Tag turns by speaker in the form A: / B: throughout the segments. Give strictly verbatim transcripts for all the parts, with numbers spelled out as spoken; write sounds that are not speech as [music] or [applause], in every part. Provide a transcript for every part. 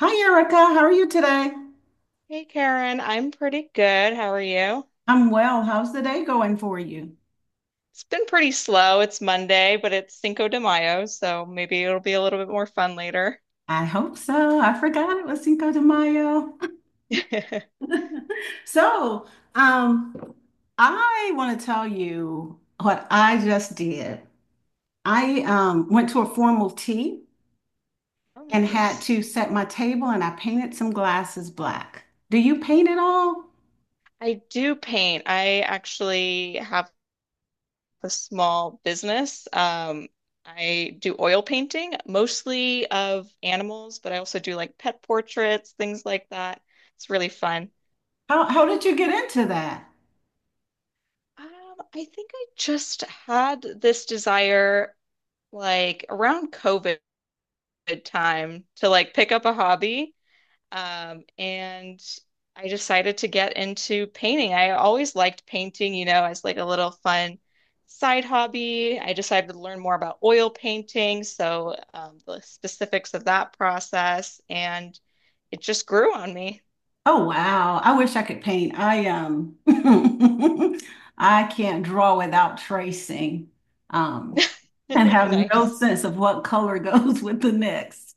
A: Hi, Erica. How are you today?
B: Hey Karen, I'm pretty good. How are you?
A: I'm well. How's the day going for you?
B: It's been pretty slow. It's Monday, but it's Cinco de Mayo, so maybe it'll be a little bit more fun later. [laughs]
A: I hope so. I forgot it was Cinco de Mayo. [laughs] So, um, I want to tell you what I just did. I um, went to a formal tea
B: Oh,
A: and had
B: nice.
A: to set my table, and I painted some glasses black. Do you paint at all?
B: I do paint. I actually have a small business. Um, I do oil painting, mostly of animals, but I also do like pet portraits, things like that. It's really fun.
A: How, how did you get into that?
B: Um, I think I just had this desire like around COVID. Good time to like pick up a hobby. Um, and I decided to get into painting. I always liked painting, you know, as like a little fun side hobby. I decided to learn more about oil painting, so um, the specifics of that process, and it just grew on me.
A: Oh wow. I wish I could paint. I um [laughs] I can't draw without tracing. Um and
B: [laughs]
A: have no
B: Nice.
A: sense of what color [laughs] goes with the next.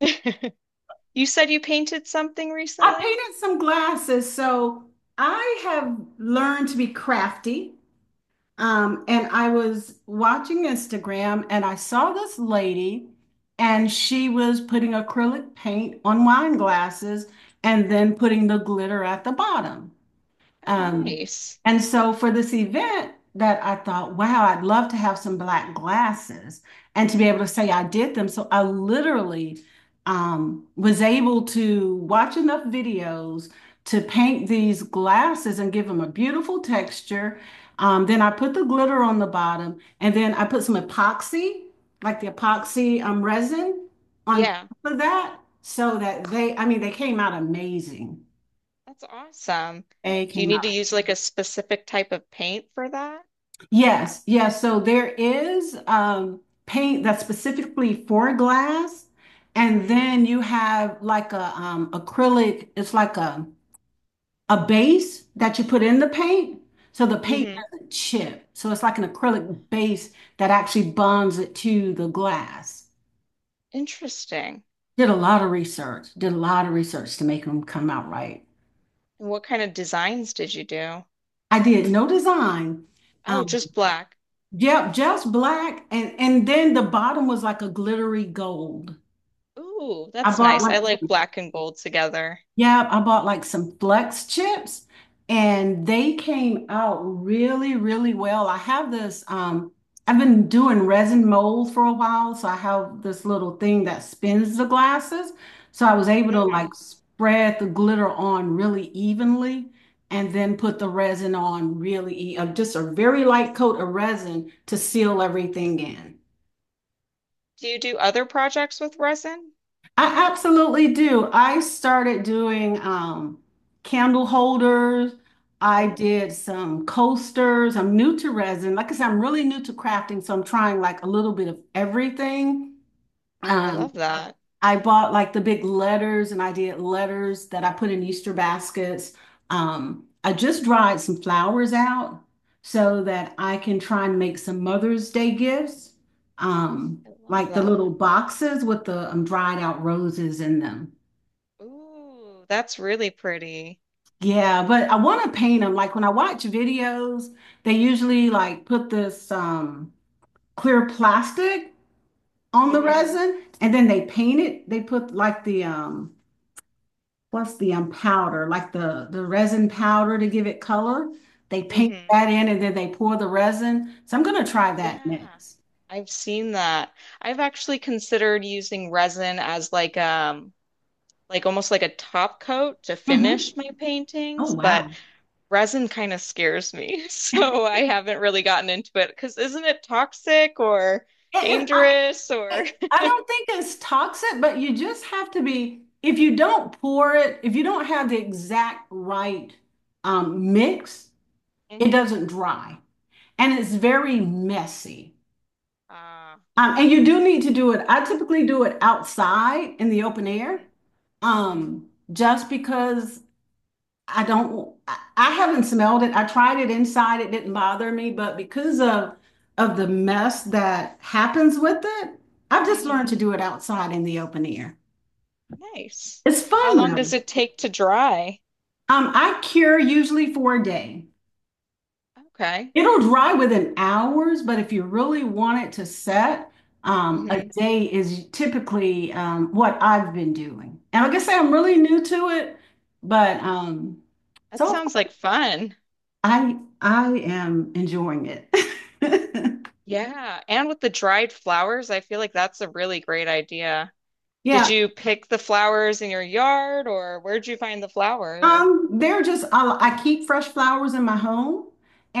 B: [laughs] You said you painted something
A: I
B: recently?
A: painted some glasses, so I have learned to be crafty. Um, and I was watching Instagram and I saw this lady and she was putting acrylic paint on wine glasses and then putting the glitter at the bottom.
B: Oh,
A: Um,
B: nice.
A: and so for this event that I thought, wow, I'd love to have some black glasses and to be able to say I did them. So I literally um, was able to watch enough videos to paint these glasses and give them a beautiful texture. Um, then I put the glitter on the bottom and then I put some epoxy, like the epoxy um, resin on
B: Yeah,
A: top of that so that they, I mean, they came out amazing.
B: that's awesome.
A: They
B: Do you
A: came
B: need to use like a specific type of paint for that?
A: yes, yes. So there is um, paint that's specifically for glass, and
B: Hmm.
A: then you have like a um, acrylic. It's like a a base that you put in the paint, so the paint
B: Hmm.
A: doesn't chip. So it's like an acrylic base that actually bonds it to the glass.
B: Interesting.
A: Did a lot of research. Did a lot of research to make them come out right.
B: And what kind of designs did you do?
A: I did no design.
B: Oh,
A: Um,
B: just black.
A: yep, just black, and and then the bottom was like a glittery gold.
B: Ooh,
A: I
B: that's
A: bought
B: nice.
A: like,
B: I like black and gold together.
A: yeah, I bought like some flex chips and they came out really, really well. I have this, um, I've been doing resin mold for a while, so I have this little thing that spins the glasses. So I was able to
B: Hmm.
A: like spread the glitter on really evenly and then put the resin on really, e- uh, just a very light coat of resin to seal everything in.
B: Do you do other projects with resin?
A: I absolutely do. I started doing um, candle holders. I
B: Ooh,
A: did some coasters. I'm new to resin. Like I said, I'm really new to crafting, so I'm trying like a little bit of everything. Mhm.
B: I
A: Um,
B: love that.
A: I bought like the big letters and I did letters that I put in Easter baskets. Um, I just dried some flowers out so that I can try and make some Mother's Day gifts, um,
B: I love
A: like the little
B: that.
A: boxes with the um, dried out roses in them.
B: Ooh, that's really pretty.
A: Yeah, but I want to paint them. Like when I watch videos, they usually like put this um, clear plastic on the
B: Hmm.
A: resin and then they paint it. They put like the um, what's the um, powder, like the the resin powder to give it color. They paint
B: Hmm.
A: that in and then they pour the resin. So I'm gonna try that
B: Yeah.
A: next.
B: I've seen that. I've actually considered using resin as like um like almost like a top coat to
A: Hmm
B: finish my
A: Oh
B: paintings, but
A: wow.
B: resin kind of scares me, [laughs] so I haven't really gotten into it because isn't it toxic or
A: It, it, I,
B: dangerous or
A: it, I
B: [laughs]
A: don't think it's toxic, but you just have to be, if you don't pour it, if you don't have the exact right um, mix, it
B: hmm.
A: doesn't dry and it's very
B: Oh.
A: messy.
B: Ah,
A: Um, and you do need to do it. I typically do it outside in the open air,
B: mm.
A: um, just because I don't, I I haven't smelled it. I tried it inside. It didn't bother me, but because of of the mess that happens with it, I've just
B: Hmm.
A: learned
B: Hmm.
A: to do it outside in the open air.
B: Nice.
A: It's
B: How
A: fun
B: long
A: though.
B: does it take to dry?
A: Um, I cure usually for a day.
B: Okay.
A: It'll dry within hours, but if you really want it to set, um, a
B: Hmm.
A: day is typically um, what I've been doing. And like I say, I'm really new to it, but um,
B: That
A: so
B: sounds like fun.
A: I I am enjoying it. [laughs]
B: Yeah, and with the dried flowers, I feel like that's a really great idea. Did
A: Yeah.
B: you pick the flowers in your yard or where'd you find the flowers?
A: Um, they're just I, I keep fresh flowers in my home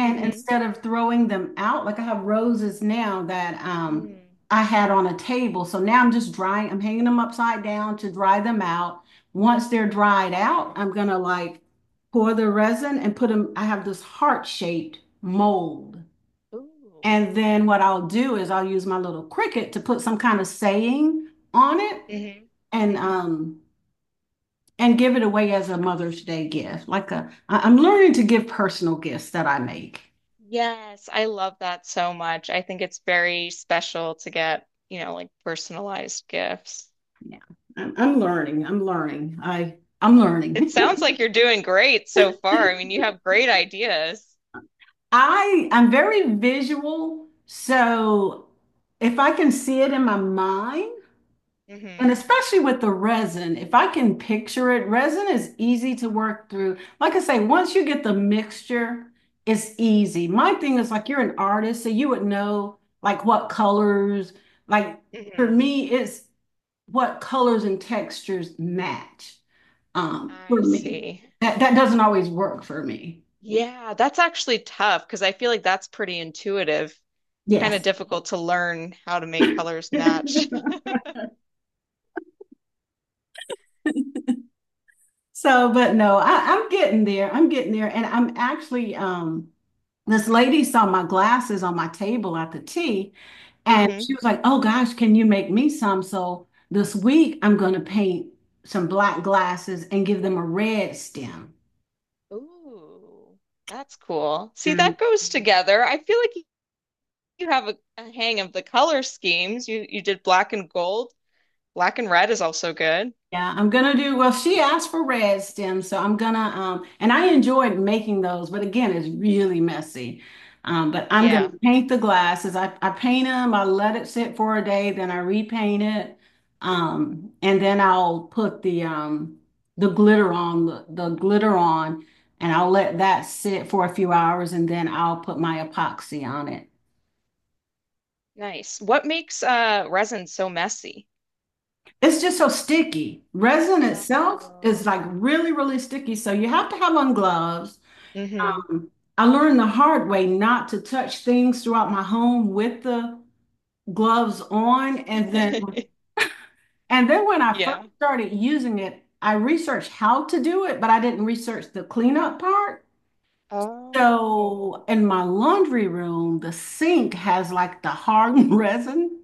B: Mm. Hmm.
A: instead of throwing them out, like I have roses now that um
B: Mm.
A: I had on a table. So now I'm just drying, I'm hanging them upside down to dry them out. Once they're dried out, I'm gonna like pour the resin and put them, I have this heart-shaped mold.
B: Ooh.
A: And then what I'll do is I'll use my little Cricut to put some kind of saying on it.
B: Hmm.
A: and
B: Hmm.
A: um and give it away as a Mother's Day gift. Like a, I- I'm learning to give personal gifts that I make.
B: Yes, I love that so much. I think it's very special to get, you know, like personalized gifts.
A: Yeah, I'm, I'm learning. I'm learning. I I'm
B: It
A: learning.
B: sounds like you're doing great so far. I mean, you have great ideas.
A: [laughs] I I'm very visual, so if I can see it in my mind.
B: Hmm.
A: And especially with the resin, if I can picture it, resin is easy to work through. Like I say, once you get the mixture, it's easy. My thing is like you're an artist, so you would know like what colors, like for
B: Hmm.
A: me, it's what colors and textures match. Um, for
B: I
A: me.
B: see.
A: That that doesn't always work for me.
B: Yeah, that's actually tough because I feel like that's pretty intuitive. It's kind of
A: Yes.
B: difficult to learn how to make colors match.
A: [laughs] So, but no, I, I'm getting there. I'm getting there. And I'm actually, um, this lady saw my glasses on my table at the tea,
B: [laughs]
A: and
B: Hmm.
A: she was like, Oh gosh, can you make me some? So this week I'm going to paint some black glasses and give them a red stem.
B: Ooh, that's cool. See, that goes together. I feel like you you have a, a hang of the color schemes. You you did black and gold. Black and red is also good.
A: Yeah, I'm gonna do, well, she asked for red stems, so I'm gonna um and I enjoyed making those, but again, it's really messy. Um, but I'm gonna
B: Yeah,
A: paint the glasses. I, I paint them, I let it sit for a day, then I repaint it. Um, and then I'll put the um the glitter on the, the glitter on and I'll let that sit for a few hours and then I'll put my epoxy on it.
B: nice. What makes uh resin so messy?
A: It's just so sticky. Resin itself is
B: Oh.
A: like really, really sticky. So you have to have on gloves.
B: Hmm.
A: I learned the hard way not to touch things throughout my home with the gloves on. And then
B: [laughs]
A: and then when I first
B: Yeah.
A: started using it, I researched how to do it, but I didn't research the cleanup part.
B: Oh.
A: So in my laundry room, the sink has like the hard [laughs] resin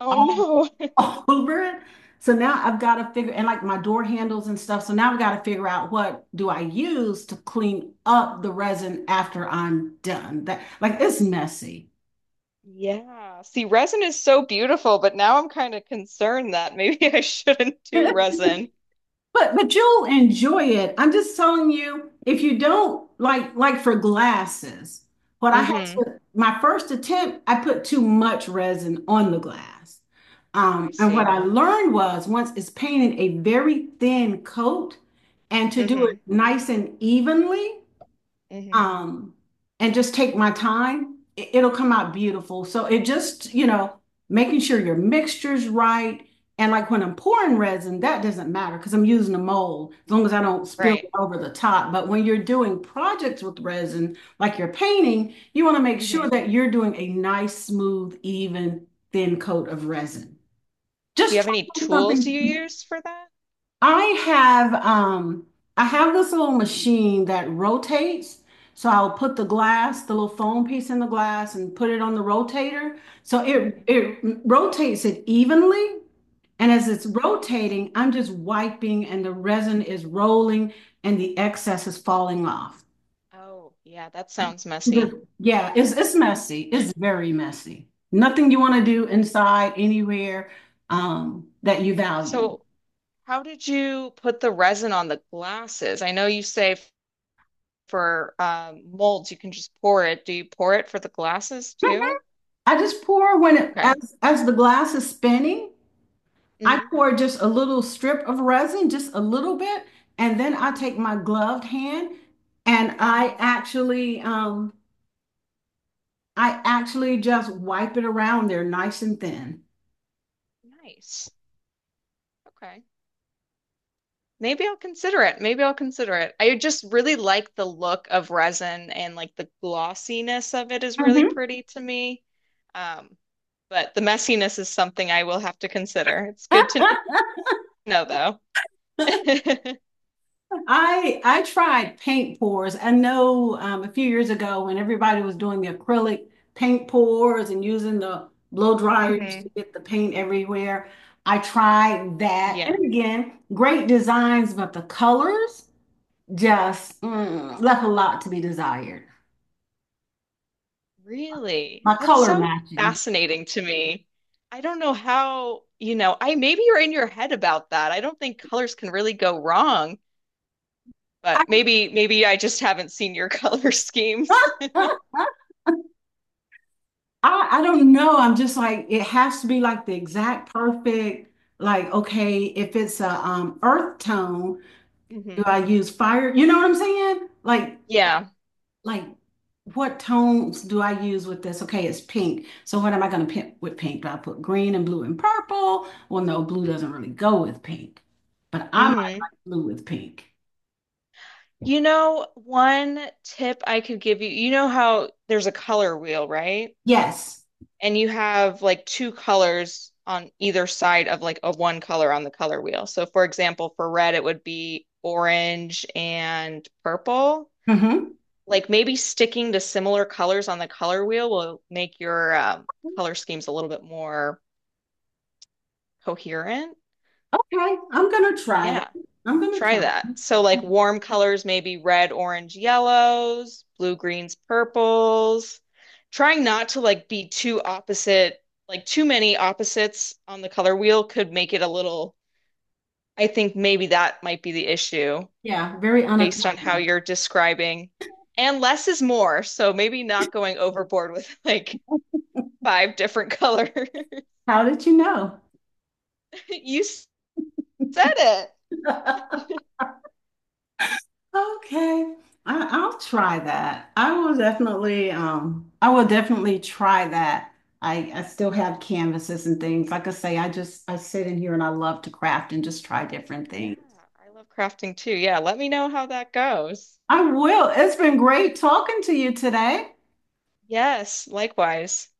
B: Oh
A: all
B: no.
A: [laughs]
B: [laughs]
A: over it. So now I've got to figure and like my door handles and stuff. So now I've got to figure out what do I use to clean up the resin after I'm done. That like it's messy.
B: Yeah. See, resin is so beautiful, but now I'm kind of concerned that maybe [laughs] I shouldn't do
A: [laughs]
B: resin.
A: But but you'll enjoy it. I'm just telling you, if you don't like like for glasses, what I had
B: Hmm.
A: to my first attempt, I put too much resin on the glass.
B: Oh,
A: Um,
B: I
A: and what
B: see.
A: I learned was once it's painted a very thin coat, and to do it
B: Hmm.
A: nice and evenly
B: Hmm.
A: um, and just take my time, it, it'll come out beautiful. So it just, you know, making sure your mixture's right. And like when I'm pouring resin, that doesn't matter because I'm using a mold as long as I don't spill it
B: Right.
A: over the top. But when you're doing projects with resin, like you're painting, you want to make
B: Hmm.
A: sure that you're doing a nice, smooth, even, thin coat of resin.
B: Do you
A: Just
B: have any
A: try
B: tools you
A: something
B: use for that?
A: I have um I have this little machine that rotates. So I'll put the glass, the little foam piece in the glass and put it on the rotator. So it
B: Hmm.
A: it rotates it evenly. And as it's
B: Oh, nice.
A: rotating, I'm just wiping and the resin is rolling and the excess is falling off.
B: Oh, yeah, that sounds
A: But
B: messy.
A: yeah, it's it's messy. It's very messy. Nothing you want to do inside anywhere um, that you value.
B: So how did you put the resin on the glasses? I know you say f- for um, molds you can just pour it. Do you pour it for the glasses too?
A: I just pour when it
B: Okay.
A: as as the glass is spinning, I
B: Hmm.
A: pour just a little strip of resin, just a little bit, and then I
B: Hmm.
A: take my gloved hand and I
B: Hmm.
A: actually um I actually just wipe it around there nice and thin.
B: Nice. Okay. Maybe I'll consider it. Maybe I'll consider it. I just really like the look of resin and like the glossiness of it is really
A: Mhm.
B: pretty to me. Um, but the messiness is something I will have to consider. It's good to know
A: [laughs]
B: though. [laughs]
A: I I tried paint pours. I know um, a few years ago when everybody was doing the acrylic paint pours and using the blow dryers to
B: Hmm.
A: get the paint everywhere. I tried that.
B: Yeah.
A: And again, great designs, but the colors just mm, left a lot to be desired.
B: Really?
A: My
B: That's
A: color
B: so
A: matching.
B: fascinating to me. I don't know how, you know, I maybe you're in your head about that. I don't think colors can really go wrong,
A: I,
B: but maybe maybe I just haven't seen your [laughs] color schemes.
A: [laughs] I I don't know. I'm just like it has to be like the exact perfect, like okay, if it's a um, earth tone do
B: Hmm.
A: I use fire? You know what I'm saying? Like,
B: Yeah.
A: like what tones do I use with this? Okay, it's pink. So what am I going to pick with pink? Do I put green and blue and purple? Well, no, blue doesn't really go with pink, but I might
B: Hmm.
A: like blue with pink.
B: You know, one tip I could give you, you know how there's a color wheel, right?
A: Yes.
B: And you have like two colors on either side of like a one color on the color wheel. So for example, for red, it would be orange and purple.
A: hmm
B: Like maybe sticking to similar colors on the color wheel will make your um, color schemes a little bit more coherent.
A: Okay, I'm gonna try that.
B: Yeah.
A: I'm gonna
B: Try
A: try.
B: that. So like warm colors, maybe red, orange, yellows, blue, greens, purples. Trying not to like be too opposite, like too many opposites on the color wheel could make it a little, I think maybe that might be the issue
A: Yeah, very
B: based on how
A: unappealing.
B: you're describing. And less is more, so maybe not going overboard with like five different colors. [laughs]
A: How did you know?
B: You said it.
A: [laughs] Okay. I, I'll try that. I will definitely um I will definitely try that. I, I still have canvases and things. Like I say, I just I sit in here and I love to craft and just try different
B: Yeah,
A: things.
B: I love crafting too. Yeah, let me know how that goes.
A: I will. It's been great talking to you today.
B: Yes, likewise.